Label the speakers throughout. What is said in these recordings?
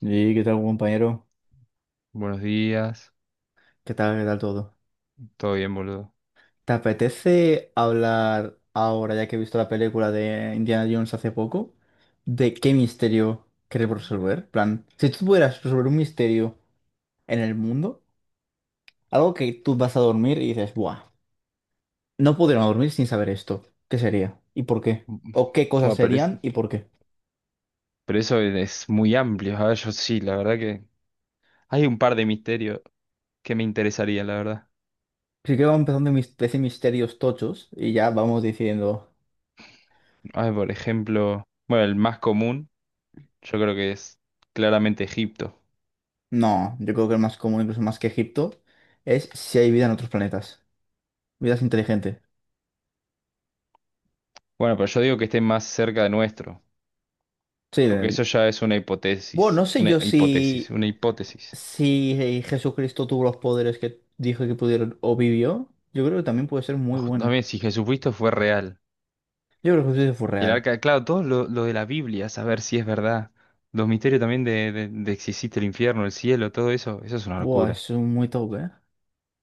Speaker 1: Sí, ¿qué tal, compañero?
Speaker 2: Buenos días,
Speaker 1: Qué tal todo?
Speaker 2: todo bien, boludo.
Speaker 1: ¿Te apetece hablar ahora, ya que he visto la película de Indiana Jones hace poco, de qué misterio queremos resolver? Plan, si tú pudieras resolver un misterio en el mundo, algo que tú vas a dormir y dices, ¡buah! No podríamos dormir sin saber esto. ¿Qué sería? ¿Y por qué?
Speaker 2: Mm, mm.
Speaker 1: ¿O qué cosas
Speaker 2: Bueno, pero,
Speaker 1: serían y por qué?
Speaker 2: pero eso es muy amplio. A ver, yo sí, la verdad que hay un par de misterios que me interesarían, la verdad.
Speaker 1: Así que vamos empezando mis 13 misterios tochos y ya vamos diciendo,
Speaker 2: A ver, por ejemplo, bueno, el más común, yo creo que es claramente Egipto.
Speaker 1: no, yo creo que el más común, incluso más que Egipto, es si hay vida en otros planetas. Vidas inteligentes.
Speaker 2: Bueno, pero yo digo que esté más cerca de nuestro,
Speaker 1: Sí,
Speaker 2: porque eso ya es una
Speaker 1: bueno,
Speaker 2: hipótesis,
Speaker 1: no sé
Speaker 2: una
Speaker 1: yo
Speaker 2: hipótesis,
Speaker 1: si,
Speaker 2: una hipótesis.
Speaker 1: si eh, Jesucristo tuvo los poderes que dijo que pudieron o vivió. Yo creo que también puede ser muy
Speaker 2: Ojo,
Speaker 1: buena.
Speaker 2: también si Jesucristo fue real.
Speaker 1: Yo creo que Jesucristo fue
Speaker 2: El
Speaker 1: real.
Speaker 2: arca, claro, todo lo de la Biblia, saber si es verdad. Los misterios también de si existe el infierno, el cielo, todo eso, eso es una
Speaker 1: Buah,
Speaker 2: locura.
Speaker 1: eso es muy top, ¿eh?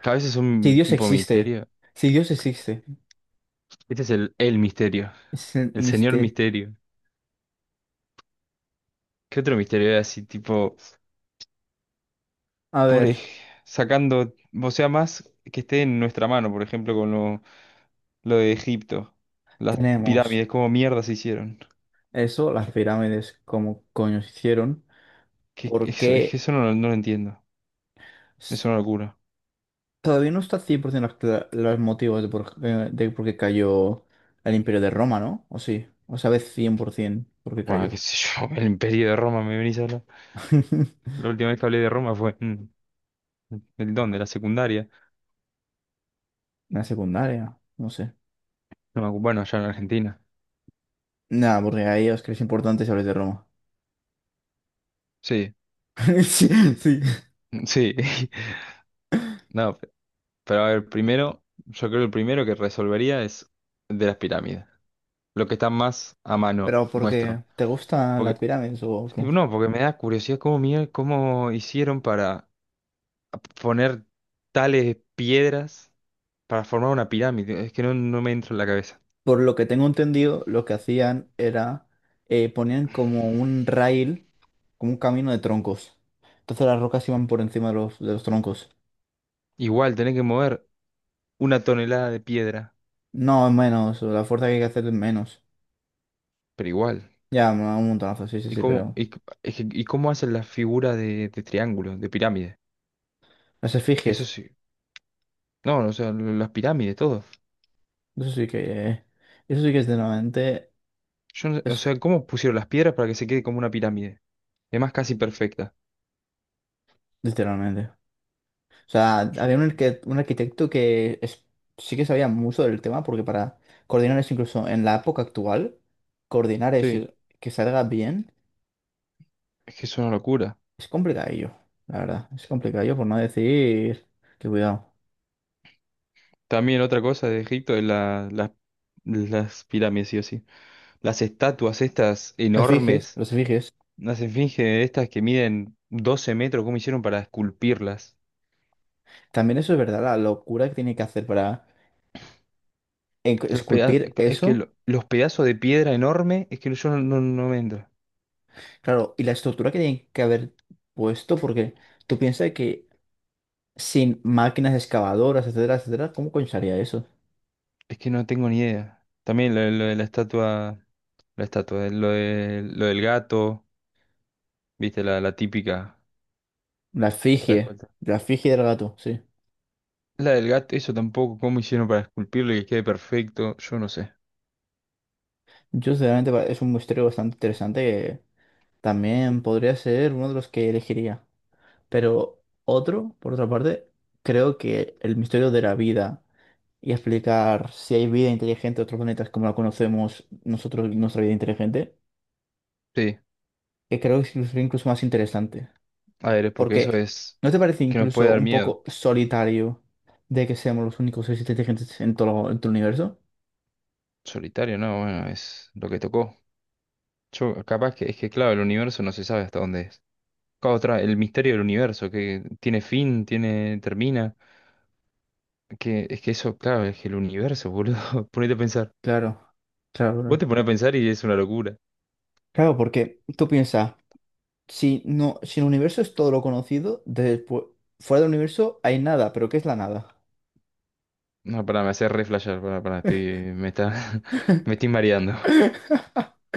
Speaker 2: Cada vez es
Speaker 1: Si
Speaker 2: un
Speaker 1: Dios
Speaker 2: tipo de
Speaker 1: existe.
Speaker 2: misterio.
Speaker 1: Si Dios existe.
Speaker 2: Este es el misterio,
Speaker 1: Es el
Speaker 2: el señor
Speaker 1: misterio.
Speaker 2: misterio. ¿Qué otro misterio era así, tipo,
Speaker 1: A
Speaker 2: por
Speaker 1: ver,
Speaker 2: ej- sacando, o sea, más que esté en nuestra mano, por ejemplo, con lo de Egipto, las
Speaker 1: tenemos
Speaker 2: pirámides, ¿cómo mierda se hicieron?
Speaker 1: eso, las pirámides, cómo coño se hicieron.
Speaker 2: Que
Speaker 1: ¿Por
Speaker 2: eso, es que
Speaker 1: qué?
Speaker 2: eso no, lo no lo entiendo. Es una locura.
Speaker 1: Todavía no está 100% los motivos de por qué cayó el Imperio de Roma, ¿no? ¿O sí? ¿O sabes 100% por ciento por qué
Speaker 2: Bueno, qué
Speaker 1: cayó?
Speaker 2: sé yo, el imperio de Roma, me venís a hablar. La última vez que hablé de Roma fue en el dónde, la secundaria.
Speaker 1: La secundaria, no sé.
Speaker 2: No me acu- bueno, allá en Argentina.
Speaker 1: Nada, porque ahí os creéis importantes y habláis de Roma.
Speaker 2: Sí,
Speaker 1: Sí, sí.
Speaker 2: sí. No, pero a ver, primero, yo creo que el primero que resolvería es de las pirámides. Lo que está más a mano
Speaker 1: ¿Pero porque
Speaker 2: nuestro.
Speaker 1: te gustan las
Speaker 2: Porque,
Speaker 1: pirámides o
Speaker 2: sí,
Speaker 1: qué?
Speaker 2: no, porque me da curiosidad cómo, cómo hicieron para poner tales piedras para formar una pirámide. Es que no me entra en la cabeza.
Speaker 1: Por lo que tengo entendido, lo que hacían era ponían como un rail, como un camino de troncos. Entonces las rocas iban por encima de los troncos.
Speaker 2: Igual, tenés que mover una tonelada de piedra,
Speaker 1: No, es menos, la fuerza que hay que hacer es menos.
Speaker 2: pero igual.
Speaker 1: Ya, me da un montonazo, sí, sí,
Speaker 2: ¿Y
Speaker 1: sí,
Speaker 2: cómo,
Speaker 1: pero
Speaker 2: y, c- es que- y cómo hacen las figuras de triángulo, de pirámide?
Speaker 1: las
Speaker 2: Eso
Speaker 1: efigies,
Speaker 2: sí. No, o sea, las pirámides, todo.
Speaker 1: eso sí que, eh, eso sí que es literalmente,
Speaker 2: Yo, no- O
Speaker 1: es
Speaker 2: sea, ¿cómo pusieron las piedras para que se quede como una pirámide? Y además, casi perfecta.
Speaker 1: literalmente. O sea,
Speaker 2: Yo-
Speaker 1: había un arquitecto sí que sabía mucho del tema, porque para coordinar eso, incluso en la época actual, coordinar
Speaker 2: Sí,
Speaker 1: eso que salga bien,
Speaker 2: es que es una locura.
Speaker 1: es complicadillo, la verdad, es complicadillo por no decir que cuidado.
Speaker 2: También otra cosa de Egipto es las pirámides, sí o sí. Las estatuas estas
Speaker 1: Las efigies,
Speaker 2: enormes,
Speaker 1: los efigies,
Speaker 2: las esfinges estas que miden 12 metros, ¿cómo hicieron para esculpirlas?
Speaker 1: también eso es verdad, la locura que tiene que hacer para esculpir eso.
Speaker 2: Los pedazos de piedra enorme, es que yo no me entra.
Speaker 1: Claro, y la estructura que tienen que haber puesto, porque tú piensas que sin máquinas excavadoras, etcétera, etcétera, ¿cómo coño se haría eso?
Speaker 2: Es que no tengo ni idea. También de lo de la estatua, lo del gato, viste, la típica.
Speaker 1: La
Speaker 2: La
Speaker 1: efigie,
Speaker 2: esculta-
Speaker 1: la efigie del gato, sí.
Speaker 2: la del gato, eso tampoco, cómo hicieron para esculpirlo y que quede perfecto, yo no sé.
Speaker 1: Yo sinceramente es un misterio bastante interesante que también podría ser uno de los que elegiría. Pero otro, por otra parte, creo que el misterio de la vida y explicar si hay vida inteligente en otros planetas como la conocemos nosotros, nuestra vida inteligente,
Speaker 2: Sí,
Speaker 1: que creo que es incluso más interesante.
Speaker 2: a ver, es porque eso
Speaker 1: Porque,
Speaker 2: es
Speaker 1: ¿no te parece
Speaker 2: que nos puede
Speaker 1: incluso
Speaker 2: dar
Speaker 1: un
Speaker 2: miedo.
Speaker 1: poco solitario de que seamos los únicos seres inteligentes en todo el universo?
Speaker 2: Solitario, no, bueno, es lo que tocó. Yo, capaz que es que, claro, el universo no se sabe hasta dónde es. Claro, otra, el misterio del universo, que tiene fin, termina. Es que eso, claro, es que el universo, boludo, ponete a pensar.
Speaker 1: Claro, claro,
Speaker 2: Vos
Speaker 1: claro.
Speaker 2: te pones a pensar y es una locura.
Speaker 1: Claro, porque tú piensas, si no, si el universo es todo lo conocido, después, fuera del universo hay nada, pero ¿qué es la nada?
Speaker 2: No, pará, me hace reflashar, pará, pará, me está, me estoy mareando.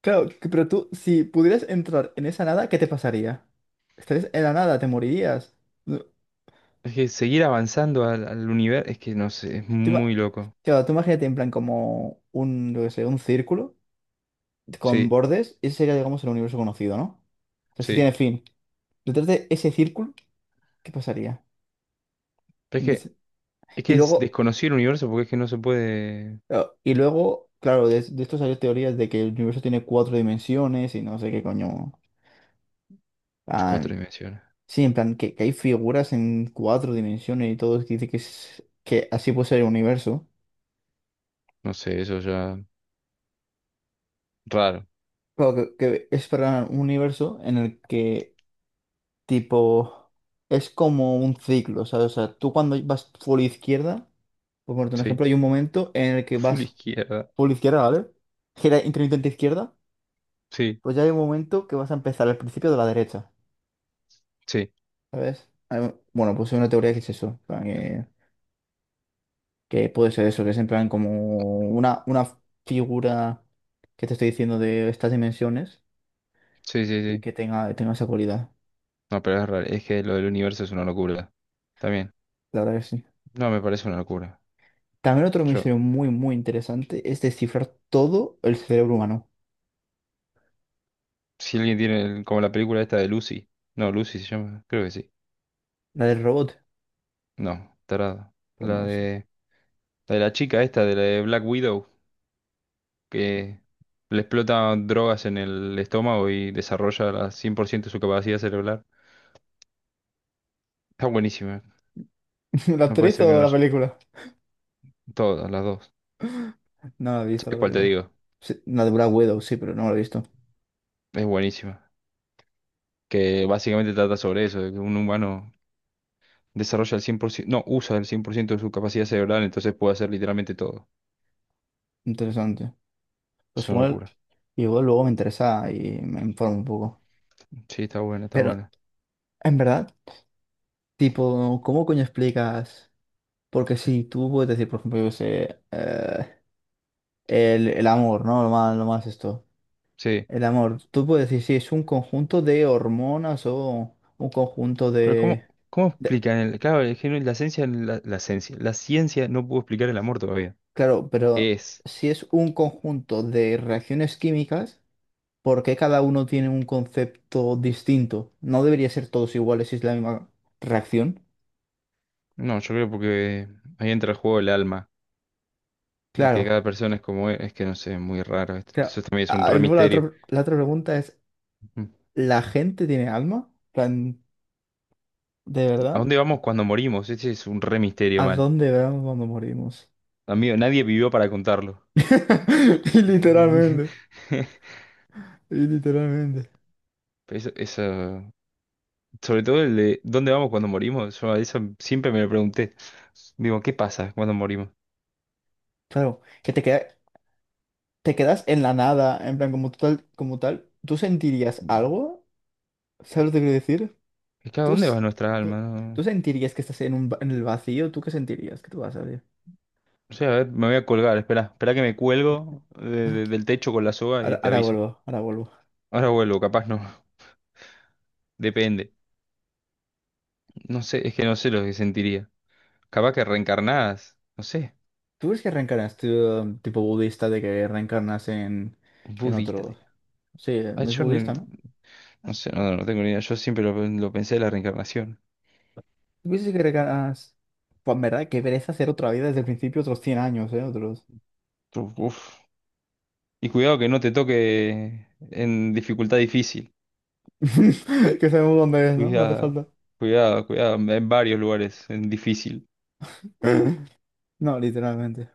Speaker 1: Claro, que- pero tú, si pudieras entrar en esa nada, ¿qué te pasaría? Estarías en la nada, te morirías. No,
Speaker 2: Es que seguir avanzando al universo, es que no sé, es
Speaker 1: Tú, ima-
Speaker 2: muy loco.
Speaker 1: claro, tú imagínate en plan como un, yo qué sé, un círculo, con
Speaker 2: Sí,
Speaker 1: bordes, ese sería, digamos, el universo conocido, ¿no? O sea, si
Speaker 2: sí.
Speaker 1: tiene fin. Detrás de ese círculo, ¿qué pasaría?
Speaker 2: Pero es
Speaker 1: ¿Dónde
Speaker 2: que,
Speaker 1: se-
Speaker 2: es que
Speaker 1: Y
Speaker 2: es
Speaker 1: luego,
Speaker 2: desconocido el universo porque es que no se puede.
Speaker 1: y luego, claro, de esto salió teorías de que el universo tiene cuatro dimensiones y no sé qué coño.
Speaker 2: Es cuatro
Speaker 1: Plan-
Speaker 2: dimensiones.
Speaker 1: sí, en plan, que hay figuras en cuatro dimensiones y todo, que dice que, es, que así puede ser el universo.
Speaker 2: No sé, eso ya. Raro.
Speaker 1: Claro, que es para un universo en el que, tipo, es como un ciclo, ¿sabes? O sea, tú cuando vas por la izquierda. Por ponerte un
Speaker 2: Sí.
Speaker 1: ejemplo, hay un momento en el que
Speaker 2: Full
Speaker 1: vas
Speaker 2: izquierda.
Speaker 1: por la izquierda, ¿vale? Gira intermitente izquierda,
Speaker 2: Sí,
Speaker 1: pues ya hay un momento que vas a empezar al principio de la derecha,
Speaker 2: sí.
Speaker 1: ¿sabes? Bueno, pues hay una teoría que es eso, en plan, que puede ser eso, que es en plan como una figura que te estoy diciendo de estas dimensiones
Speaker 2: Sí, sí,
Speaker 1: y
Speaker 2: sí.
Speaker 1: que tenga esa cualidad,
Speaker 2: No, pero es raro. Es que lo del universo es una locura. También.
Speaker 1: la verdad que sí.
Speaker 2: No, me parece una locura.
Speaker 1: También otro
Speaker 2: Yo.
Speaker 1: misterio muy, muy interesante es descifrar todo el cerebro humano.
Speaker 2: Si alguien tiene, como la película esta de Lucy. No, Lucy se llama, creo que sí.
Speaker 1: ¿La del robot?
Speaker 2: No, tarada.
Speaker 1: Pues
Speaker 2: La
Speaker 1: no sé.
Speaker 2: de, la de la chica esta, de la de Black Widow, que le explota drogas en el estómago y desarrolla al 100% su capacidad cerebral. Está buenísima.
Speaker 1: ¿La
Speaker 2: No puede
Speaker 1: actriz
Speaker 2: ser que
Speaker 1: o
Speaker 2: no
Speaker 1: la
Speaker 2: haya.
Speaker 1: película?
Speaker 2: Todas, las dos.
Speaker 1: No la he visto la
Speaker 2: ¿Sabes cuál te
Speaker 1: película.
Speaker 2: digo?
Speaker 1: Sí, la de Black Widow, sí, pero no la he visto.
Speaker 2: Es buenísima. Que básicamente trata sobre eso, de que un humano desarrolla el 100% no, usa el 100% de su capacidad cerebral, entonces puede hacer literalmente todo.
Speaker 1: Interesante. Pues
Speaker 2: Es una
Speaker 1: igual,
Speaker 2: locura.
Speaker 1: igual luego me interesa y me informo un poco.
Speaker 2: Sí, está buena, está
Speaker 1: Pero,
Speaker 2: buena.
Speaker 1: en verdad, tipo, ¿cómo coño explicas? Porque si tú puedes decir, por ejemplo, yo qué sé, el amor, ¿no? Lo más esto.
Speaker 2: Sí.
Speaker 1: El amor. Tú puedes decir, sí, es un conjunto de hormonas o un conjunto
Speaker 2: Pero
Speaker 1: de...
Speaker 2: ¿cómo
Speaker 1: de...
Speaker 2: explican el, claro, es que la esencia, la esencia, la ciencia no pudo explicar el amor todavía.
Speaker 1: Claro, pero
Speaker 2: Es.
Speaker 1: si es un conjunto de reacciones químicas. ¿Por qué cada uno tiene un concepto distinto? ¿No debería ser todos iguales si es la misma reacción?
Speaker 2: No, yo creo porque ahí entra el juego del alma. De Que cada
Speaker 1: Claro.
Speaker 2: persona es como es que no sé, es muy raro.
Speaker 1: Claro.
Speaker 2: Eso también es un
Speaker 1: Ah, y
Speaker 2: re
Speaker 1: luego la
Speaker 2: misterio.
Speaker 1: otra, la otra pregunta es,
Speaker 2: Ujú.
Speaker 1: ¿la gente tiene alma? En plan, ¿De
Speaker 2: ¿A
Speaker 1: verdad?
Speaker 2: dónde vamos cuando morimos? Ese es un re
Speaker 1: ¿A
Speaker 2: misterio mal.
Speaker 1: dónde vamos cuando morimos?
Speaker 2: Amigo, nadie vivió para contarlo.
Speaker 1: Y literalmente, y literalmente.
Speaker 2: Pero eso, sobre todo el de ¿dónde vamos cuando morimos? Yo a eso siempre me lo pregunté. Digo, ¿qué pasa cuando morimos?
Speaker 1: Claro, que te quedas en la nada, en plan, como tal, ¿tú sentirías algo? ¿Sabes lo que quiero decir?
Speaker 2: Es que ¿a
Speaker 1: ¿Tú,
Speaker 2: dónde va
Speaker 1: s-
Speaker 2: nuestra
Speaker 1: tú- ¿Tú
Speaker 2: alma?
Speaker 1: sentirías que estás en el vacío? ¿Tú qué sentirías? ¿Qué tú vas a ver?
Speaker 2: O sea, a ver, me voy a colgar. Espera, espera que me cuelgo del techo con la soga y
Speaker 1: Ahora,
Speaker 2: te
Speaker 1: ahora
Speaker 2: aviso.
Speaker 1: vuelvo, ahora vuelvo.
Speaker 2: Ahora vuelvo, capaz no. Depende. No sé, es que no sé lo que sentiría. Capaz que reencarnadas. No sé.
Speaker 1: ¿Tú ves que reencarnas, tú, tipo budista, de que reencarnas en
Speaker 2: Budista,
Speaker 1: otro?
Speaker 2: tío.
Speaker 1: Sí,
Speaker 2: Ay,
Speaker 1: no es
Speaker 2: yo no,
Speaker 1: budista, ¿no?
Speaker 2: no sé, no tengo ni idea. Yo siempre lo pensé de la reencarnación.
Speaker 1: ¿Tú crees que reencarnas? Pues en verdad, qué pereza hacer otra vida desde el principio, otros 100 años, ¿eh? Otros.
Speaker 2: Uf. Uf. Y cuidado que no te toque en dificultad difícil.
Speaker 1: Que sabemos dónde es, ¿no? No te
Speaker 2: Cuidado,
Speaker 1: falta.
Speaker 2: cuidado, cuidado. En varios lugares, en difícil.
Speaker 1: No, literalmente.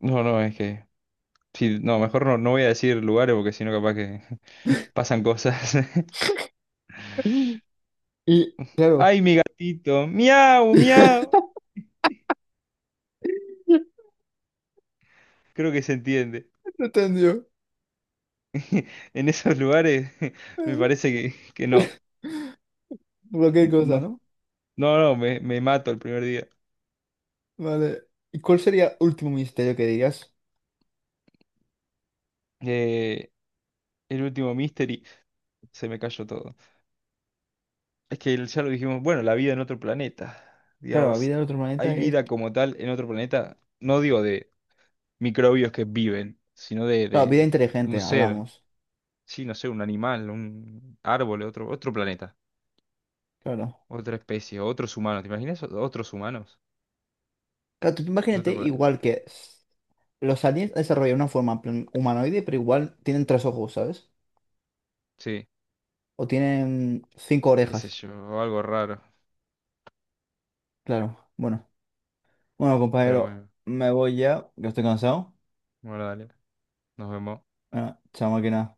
Speaker 2: No, no, es que. Sí, no, mejor no, no voy a decir lugares porque si no, capaz que. Pasan cosas.
Speaker 1: Y, claro.
Speaker 2: ¡Ay, mi gatito! ¡Miau, miau! Creo que se entiende.
Speaker 1: No entendió.
Speaker 2: En esos lugares me parece que no.
Speaker 1: Cualquier cosa,
Speaker 2: No,
Speaker 1: ¿no?
Speaker 2: no, no, me mato el primer día.
Speaker 1: Vale. ¿Y cuál sería último misterio que dirías?
Speaker 2: Eh, el último Mystery, se me cayó todo. Es que ya lo dijimos, bueno, la vida en otro planeta.
Speaker 1: Claro, la
Speaker 2: Digamos,
Speaker 1: vida en otro planeta
Speaker 2: hay
Speaker 1: es...
Speaker 2: vida como tal en otro planeta. No digo de microbios que viven, sino de,
Speaker 1: Claro,
Speaker 2: de-
Speaker 1: vida
Speaker 2: de
Speaker 1: inteligente,
Speaker 2: un ser.
Speaker 1: hablamos.
Speaker 2: Sí, no sé, un animal, un árbol, otro planeta.
Speaker 1: Claro.
Speaker 2: Otra especie, otros humanos, ¿te imaginas? Otros humanos.
Speaker 1: Claro, tú
Speaker 2: En
Speaker 1: imagínate
Speaker 2: otro planeta.
Speaker 1: igual que los aliens desarrollan una forma en plan humanoide, pero igual tienen tres ojos, ¿sabes?
Speaker 2: Sí,
Speaker 1: O tienen cinco
Speaker 2: qué sé
Speaker 1: orejas,
Speaker 2: yo, algo raro.
Speaker 1: claro. Bueno, bueno,
Speaker 2: Pero
Speaker 1: compañero,
Speaker 2: bueno,
Speaker 1: me voy ya, que estoy cansado.
Speaker 2: bueno, dale, nos vemos.
Speaker 1: Bueno, chao máquina.